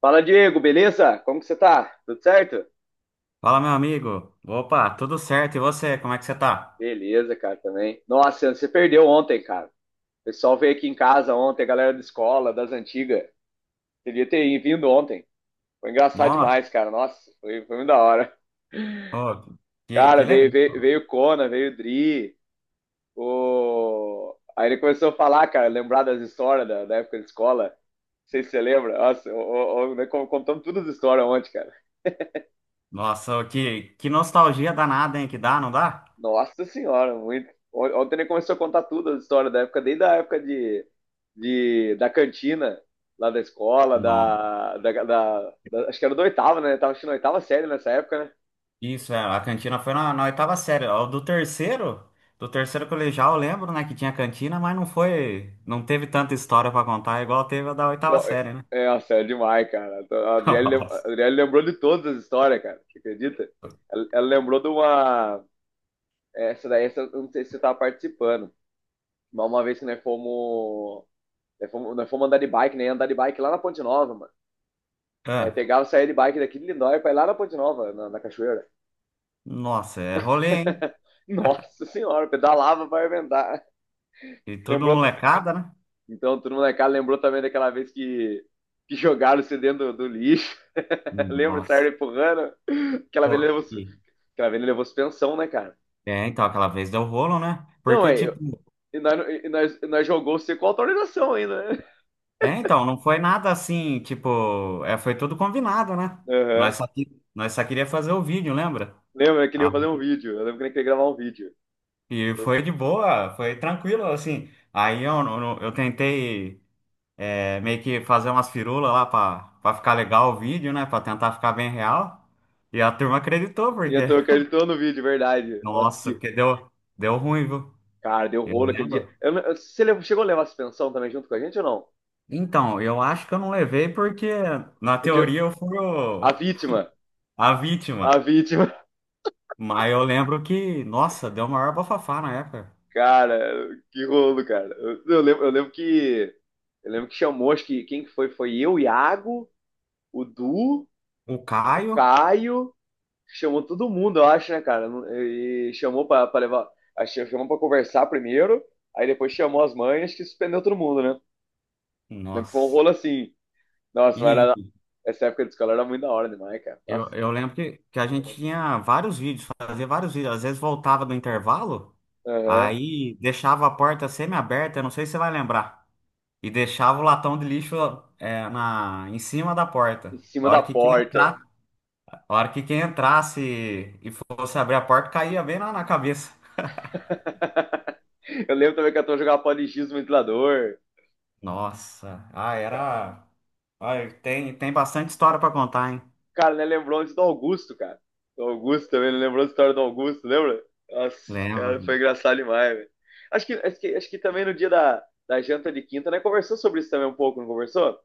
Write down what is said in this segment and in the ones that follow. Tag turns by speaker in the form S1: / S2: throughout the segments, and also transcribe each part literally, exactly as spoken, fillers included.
S1: Fala, Diego, beleza? Como que você tá? Tudo certo?
S2: Fala, meu amigo. Opa, tudo certo? E você, como é que você tá?
S1: Beleza, cara, também. Nossa, você perdeu ontem, cara. O pessoal veio aqui em casa ontem, a galera da escola, das antigas. Devia ter vindo ontem. Foi engraçado
S2: Nossa,
S1: demais, cara. Nossa, foi, foi muito da hora.
S2: ô, que,
S1: Cara,
S2: que
S1: veio,
S2: legal.
S1: veio, veio o Conan, veio o Dri. O... Aí ele começou a falar, cara, lembrar das histórias da, da época de escola. Não sei se você lembra. Nossa, o- o- o- nós contamos todas as histórias ontem, cara.
S2: Nossa, ô, que, que nostalgia danada, hein? Que dá, não dá?
S1: Nossa senhora, muito. Ontem ele começou a contar tudo a história da época, desde a época de, de, da cantina, lá da escola,
S2: Não.
S1: da, da, da- da- acho que era do oitavo, né? Tava assistindo a oitava série nessa época, né?
S2: Isso, é, a cantina foi na, na oitava série. Ó, Do terceiro, do terceiro colegial, eu lembro, né, que tinha cantina, mas não foi, não teve tanta história pra contar, igual teve a da oitava
S1: Igual-
S2: série, né?
S1: É, nossa, é demais, cara. Então, A Adriele, lem-
S2: Nossa.
S1: a Adriele lembrou de todas as histórias, cara. Você acredita? Ela, ela lembrou de uma. Essa daí, essa, eu não sei se você tava participando. Mas uma vez que nós fomos. Nós fomos, nós fomos andar de bike, né? Andar de bike lá na Ponte Nova, mano. Daí
S2: É.
S1: pegava, saía de bike daqui de Lindóia pra ir lá na Ponte Nova, na, na cachoeira.
S2: Nossa, é rolê, hein?
S1: Nossa senhora, pedalava para inventar.
S2: E tudo
S1: Lembrou?
S2: molecada, né?
S1: Então, todo mundo na casa lembrou também daquela vez que, que jogaram você dentro do, do lixo. Lembra de
S2: Nossa.
S1: sair empurrando? Aquela vez ele
S2: Pô,
S1: levou, su-
S2: e-
S1: aquela vez ele levou suspensão, né, cara?
S2: é, então, aquela vez deu rolo, né?
S1: Não,
S2: Porque,
S1: é.
S2: tipo.
S1: eu- E nós, e nós, e nós jogou você com autorização ainda, né?
S2: É, então, não foi nada assim, tipo, é, foi tudo combinado, né?
S1: Aham.
S2: Nós só, que- nós só queria fazer o vídeo, lembra?
S1: Lembra que ele
S2: Ah,
S1: ia fazer um vídeo? Eu lembro que ele queria gravar um vídeo.
S2: e
S1: Eu,
S2: foi de boa, foi tranquilo, assim. Aí eu, eu, eu tentei é, meio que fazer umas firulas lá pra, pra ficar legal o vídeo, né? Pra tentar ficar bem real. E a turma acreditou,
S1: e
S2: porque,
S1: eu tô acreditando no vídeo, verdade. Nossa,
S2: nossa,
S1: que
S2: porque deu, deu ruim, viu?
S1: cara, deu
S2: Eu
S1: rolo aquele dia.
S2: lembro.
S1: Eu não- você levou- Chegou a levar a suspensão também junto com a gente ou não?
S2: Então, eu acho que eu não levei porque, na
S1: Porque
S2: teoria, eu fui o-
S1: a vítima,
S2: a
S1: a
S2: vítima.
S1: vítima,
S2: Mas eu lembro que, nossa, deu o maior bafafá na época.
S1: cara, que rolo, cara. Eu, eu lembro, eu lembro que eu lembro que chamou, acho que quem que foi? Foi eu, o Iago, o Du,
S2: O
S1: o
S2: Caio,
S1: Caio, chamou todo mundo, eu acho, né, cara? E chamou pra, pra levar, acho que chamou pra conversar primeiro, aí depois chamou as mães, que suspendeu todo mundo, né? Lembro que foi um
S2: nossa.
S1: rolo assim. Nossa, mas era-
S2: E
S1: essa época de escola era muito da hora demais, cara. Nossa.
S2: eu, eu lembro que, que a gente tinha vários vídeos, fazia vários vídeos. Às vezes voltava do intervalo,
S1: Aham.
S2: aí deixava a porta semi-aberta, eu não sei se você vai lembrar. E deixava o latão de lixo é, na, em cima da
S1: Em
S2: porta.
S1: cima
S2: A hora
S1: da
S2: que quem
S1: porta.
S2: entrar, a hora que quem entrasse e fosse abrir a porta, caía bem lá na cabeça.
S1: Eu lembro também que a turma jogava pó de giz no ventilador.
S2: Nossa, ah, era. Olha, tem, tem bastante história para contar, hein?
S1: Cara, né, lembrou antes do Augusto, cara. Do Augusto também, não lembrou a história do Augusto, lembra? Nossa, cara, foi
S2: Lembro.
S1: engraçado demais, velho. Acho que, acho que, acho que também no dia da, da janta de quinta, né? Conversou sobre isso também um pouco, não conversou?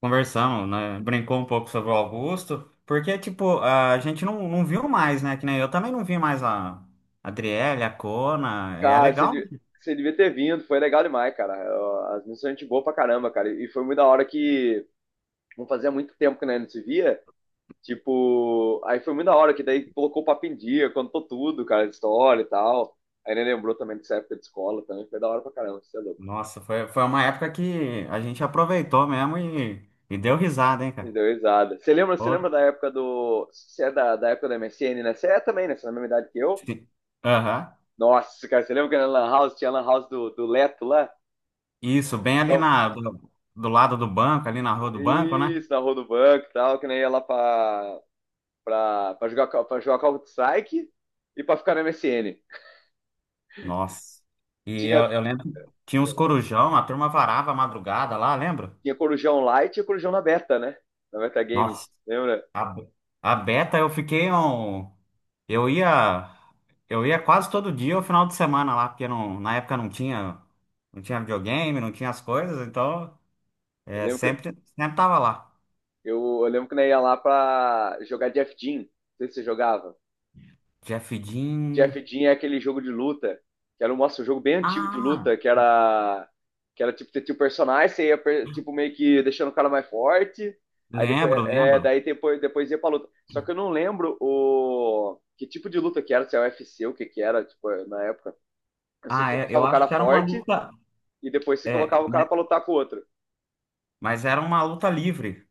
S2: Conversamos, né? Brincou um pouco sobre o Augusto, porque, tipo, a gente não, não viu mais, né? Que nem eu também não vi mais a Adriele, a Cona. É
S1: Cara, você,
S2: legal.
S1: de- você devia ter vindo, foi legal demais, cara. Eu- As missões a gente boa pra caramba, cara. E foi muito da hora que não fazia muito tempo que né, não se via. Tipo, aí foi muito da hora, que daí colocou o papo em dia, contou tudo, cara, história e tal. Aí ele lembrou também dessa época de escola também, foi da hora pra caramba, você é louco.
S2: Nossa, foi, foi uma época que a gente aproveitou mesmo e, e deu risada, hein,
S1: Me
S2: cara?
S1: deu risada. Você lembra, você
S2: Ô,
S1: lembra da época do. Você é da, da época da M S N, né? Você é também, né? Você é da mesma idade que eu.
S2: se- aham.
S1: Nossa, cara, você lembra que na Lan House tinha a Lan House do, do Leto lá?
S2: Isso, bem ali
S1: Ficava-
S2: na, do, do lado do banco, ali na rua do banco, né?
S1: Isso, na rua do banco e tal, que nem ia lá pra, pra, pra jogar, Call- pra jogar Call of Strike e pra ficar na M S N.
S2: Nossa. E eu,
S1: Tinha,
S2: eu lembro que tinha uns corujão, a turma varava a madrugada lá, lembra?
S1: tinha Corujão Light e Corujão na Beta, né? Na Beta
S2: Nossa.
S1: Games, lembra?
S2: A, a Beta, eu fiquei um. Eu ia. Eu ia quase todo dia, o final de semana lá, porque não, na época não tinha, não tinha videogame, não tinha as coisas, então
S1: Eu
S2: é,
S1: lembro que,
S2: sempre, sempre tava lá.
S1: eu, eu lembro que nós ia lá pra jogar Jeff Jean. Não sei se você jogava.
S2: Jeff
S1: Jeff
S2: Dean.
S1: Jean é aquele jogo de luta, que era um, nossa, um jogo bem antigo de
S2: Ah,
S1: luta, que era, que era tipo, você tinha o personagem, você ia per- tipo, meio que deixando o cara mais forte. Aí depois,
S2: lembro,
S1: é,
S2: lembro.
S1: daí depois, depois ia pra luta. Só que eu não lembro o que tipo de luta que era, se é U F C, o que que era, tipo, na época. Eu sei que
S2: Ah,
S1: você
S2: é,
S1: deixava
S2: eu
S1: o
S2: acho
S1: cara
S2: que era uma
S1: forte
S2: luta.
S1: e depois você
S2: É,
S1: colocava o cara
S2: mas,
S1: pra lutar com o outro.
S2: mas era uma luta livre.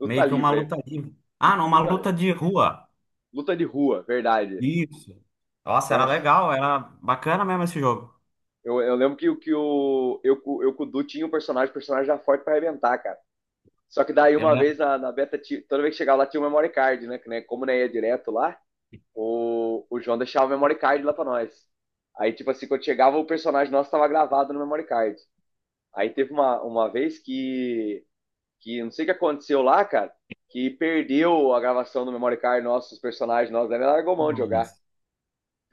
S1: Luta
S2: Meio que uma
S1: livre,
S2: luta livre. Ah,
S1: luta,
S2: não, uma
S1: luta
S2: luta de rua.
S1: luta de rua, verdade.
S2: Isso. Nossa, era
S1: Nossa.
S2: legal, era bacana mesmo esse jogo.
S1: Eu, eu lembro que, o- que o, eu, cu- eu com o Du tinha um personagem, o personagem já forte pra arrebentar, cara. Só que daí
S2: Eu
S1: uma
S2: lembro.
S1: vez na, na beta, ti- toda vez que chegava lá tinha o memory card, né? Que, né como não ia direto lá, o, o João deixava o memory card lá pra nós. Aí, tipo assim, quando chegava o personagem nosso tava gravado no memory card. Aí teve uma, uma vez que, que não sei o que aconteceu lá, cara, que perdeu a gravação do memory card nosso, os personagens nossos, aí ele largou mão de jogar.
S2: Nossa.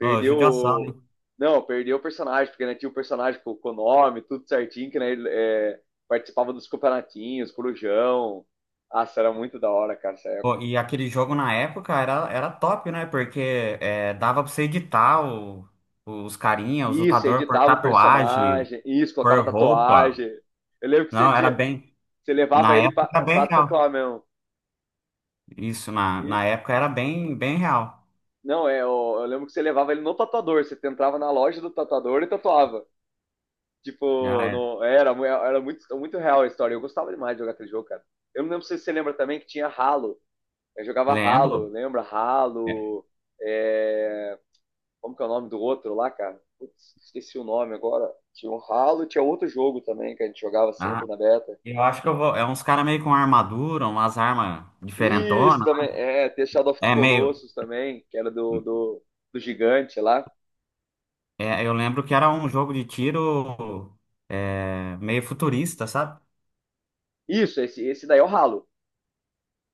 S2: Ô, judiação.
S1: o- Não, perdeu o personagem, porque né, tinha o personagem com, com o nome, tudo certinho, que né, ele, é, participava dos campeonatinhos, Corujão. Nossa, era muito da hora, cara, essa época.
S2: Pô, e aquele jogo na época era, era top, né? Porque é, dava pra você editar o- os carinha, os
S1: Isso,
S2: lutadores por
S1: editava o
S2: tatuagem,
S1: personagem, isso, colocava
S2: por roupa.
S1: tatuagem. Eu lembro que você
S2: Não, era
S1: tinha.
S2: bem.
S1: Você levava
S2: Na
S1: ele
S2: época
S1: pra,
S2: era bem
S1: pra
S2: real.
S1: tatuar mesmo.
S2: Isso, na,
S1: E,
S2: na época era bem, bem real.
S1: não, é, eu, eu lembro que você levava ele no tatuador. Você entrava na loja do tatuador e tatuava.
S2: Ah,
S1: Tipo,
S2: é.
S1: no, era, mu- era muito, muito real a história. Eu gostava demais de jogar aquele jogo, cara. Eu não lembro se você lembra também que tinha Halo. Eu jogava Halo,
S2: Lembro.
S1: lembra?
S2: É.
S1: Halo. é, Como que é o nome do outro lá, cara? Putz, esqueci o nome agora. Tinha um Halo, tinha outro jogo também que a gente jogava
S2: Ah,
S1: sempre na beta.
S2: eu acho que eu vou. É uns caras meio com armadura, umas armas
S1: Isso
S2: diferentonas.
S1: também, é, tem Shadow of the
S2: É meio.
S1: Colossus também, que era do, do, do gigante lá.
S2: É, eu lembro que era um jogo de tiro é, meio futurista, sabe?
S1: Isso, esse, esse daí é o Halo.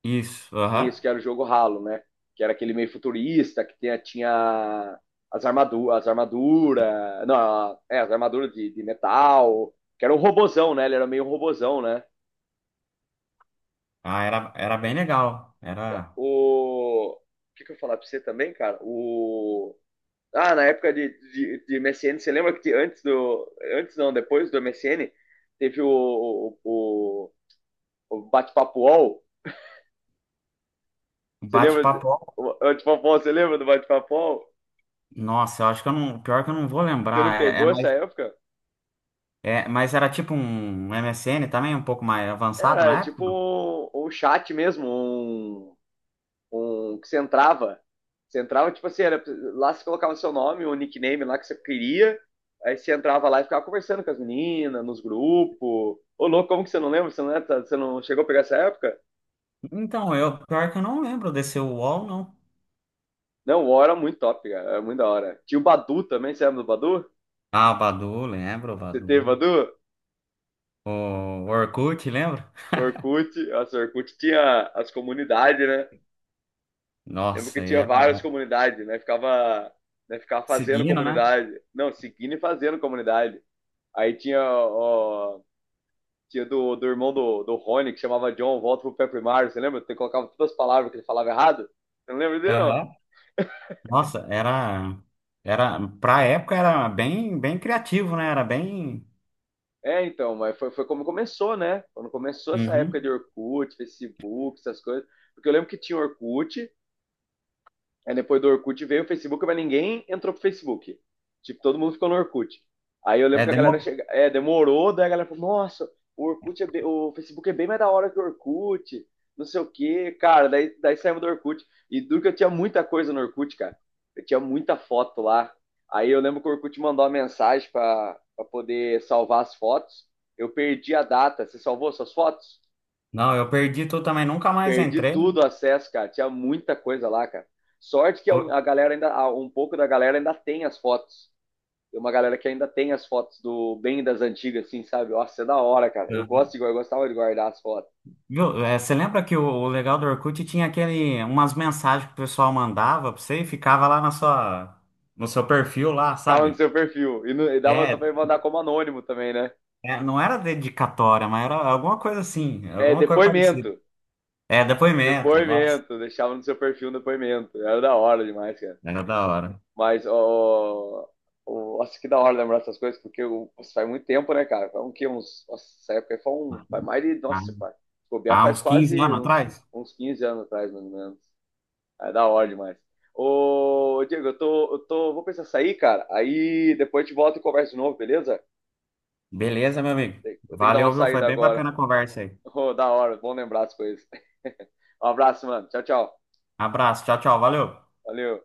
S2: Isso,
S1: Isso,
S2: aham.
S1: que era o jogo Halo, né? Que era aquele meio futurista, que tinha, tinha as armaduras, as armaduras, não, é, as armaduras de, de metal, que era um robozão, né? Ele era meio um robozão, né?
S2: Ah, era, era bem legal. Era
S1: O, que, que eu ia falar pra você também, cara? O, ah, na época de, de, de M S N, você lembra que te- antes do. Antes não, depois do M S N, teve o, o, o, o bate-papo U O L?
S2: um
S1: Você lembra?
S2: bate-papo.
S1: O bate-papo U O L, você lembra do bate-papo U O L?
S2: Nossa, eu acho que eu não. Pior que eu não vou
S1: Você não
S2: lembrar. É, é
S1: pegou essa
S2: mais,
S1: época?
S2: é, mas era tipo um M S N também, um pouco mais avançado
S1: Era
S2: na
S1: tipo
S2: época.
S1: um, um chat mesmo, um, um que você entrava, você entrava, tipo assim, era, lá você colocava o seu nome, o nickname lá que você queria, aí você entrava lá e ficava conversando com as meninas, nos grupos. Ô, louco, como que você não lembra? Você não, é- tá- você não chegou a pegar essa época?
S2: Então, eu pior que eu não lembro desse uol, não.
S1: Não, o U O L era muito top, cara, era muito da hora. Tinha o Badu também, você lembra do Badu?
S2: Ah, o Badu, lembro, o
S1: Você teve
S2: Badu.
S1: Badu?
S2: O Orkut, lembra?
S1: O Orkut, nossa, o Orkut tinha as comunidades, né? Lembro que
S2: Nossa, e
S1: tinha várias
S2: era
S1: comunidades, né? Ficava, né? Ficava fazendo
S2: seguindo, né?
S1: comunidade. Não, seguindo e fazendo comunidade. Aí tinha, ó, tinha do, do irmão do, do Rony, que chamava John, volta pro Pepper Mario, você lembra? Você colocava todas as palavras que ele falava errado. Você não lembra dele, não?
S2: Aham. Nossa, era. Era. Pra época era bem, bem criativo, né? Era bem.
S1: É, então, mas foi, foi como começou, né? Quando começou essa época
S2: Uhum.
S1: de Orkut, Facebook, essas coisas. Porque eu lembro que tinha Orkut. Aí depois do Orkut veio o Facebook, mas ninguém entrou pro Facebook. Tipo, todo mundo ficou no Orkut. Aí eu
S2: É
S1: lembro que a
S2: demo...
S1: galera chega, é, demorou, daí a galera falou, nossa, o Orkut é bem- o Facebook é bem mais da hora que o Orkut, não sei o quê. Cara, daí, daí saímos do Orkut. E duro que eu tinha muita coisa no Orkut, cara. Eu tinha muita foto lá. Aí eu lembro que o Orkut mandou uma mensagem pra, pra poder salvar as fotos. Eu perdi a data. Você salvou suas fotos?
S2: Não, eu perdi tudo também, nunca mais
S1: Perdi
S2: entrei.
S1: tudo o acesso, cara. Tinha muita coisa lá, cara. Sorte que
S2: Ô,
S1: a galera ainda, um pouco da galera ainda tem as fotos. Tem uma galera que ainda tem as fotos do bem das antigas, assim, sabe? Nossa, é da hora, cara. Eu gosto de, eu gostava de guardar as fotos.
S2: meu, é, você lembra que o, o legal do Orkut tinha aquele, umas mensagens que o pessoal mandava pra você e ficava lá na sua, no seu perfil lá,
S1: Ficava no
S2: sabe?
S1: seu perfil. E, no, e dava
S2: É,
S1: pra mandar como anônimo também, né?
S2: é, não era dedicatória, mas era alguma coisa assim,
S1: É,
S2: alguma coisa parecida.
S1: depoimento.
S2: É, depoimento, nossa,
S1: Depoimento. Deixava no seu perfil um depoimento. Era da hora demais, cara.
S2: era da hora.
S1: Mas, ó, ó, acho que da hora lembrar essas coisas, porque o- nossa, faz muito tempo, né, cara? Foi um que uns. Nossa, essa época aí foi um. Faz mais de.
S2: Ah,
S1: Nossa, pai. Se bobear
S2: há
S1: faz
S2: uns quinze
S1: quase
S2: anos
S1: uns,
S2: atrás?
S1: uns quinze anos atrás, mais ou menos. É da hora demais. Ô, Diego, eu tô, eu tô. Vou precisar sair, cara. Aí depois a gente volta e conversa de novo, beleza?
S2: Beleza, meu amigo.
S1: Eu tenho que dar uma
S2: Valeu, viu? Foi
S1: saída
S2: bem
S1: agora.
S2: bacana a conversa aí.
S1: Ô, da hora, bom lembrar as coisas. Um abraço, mano. Tchau, tchau.
S2: Abraço, tchau, tchau, valeu.
S1: Valeu.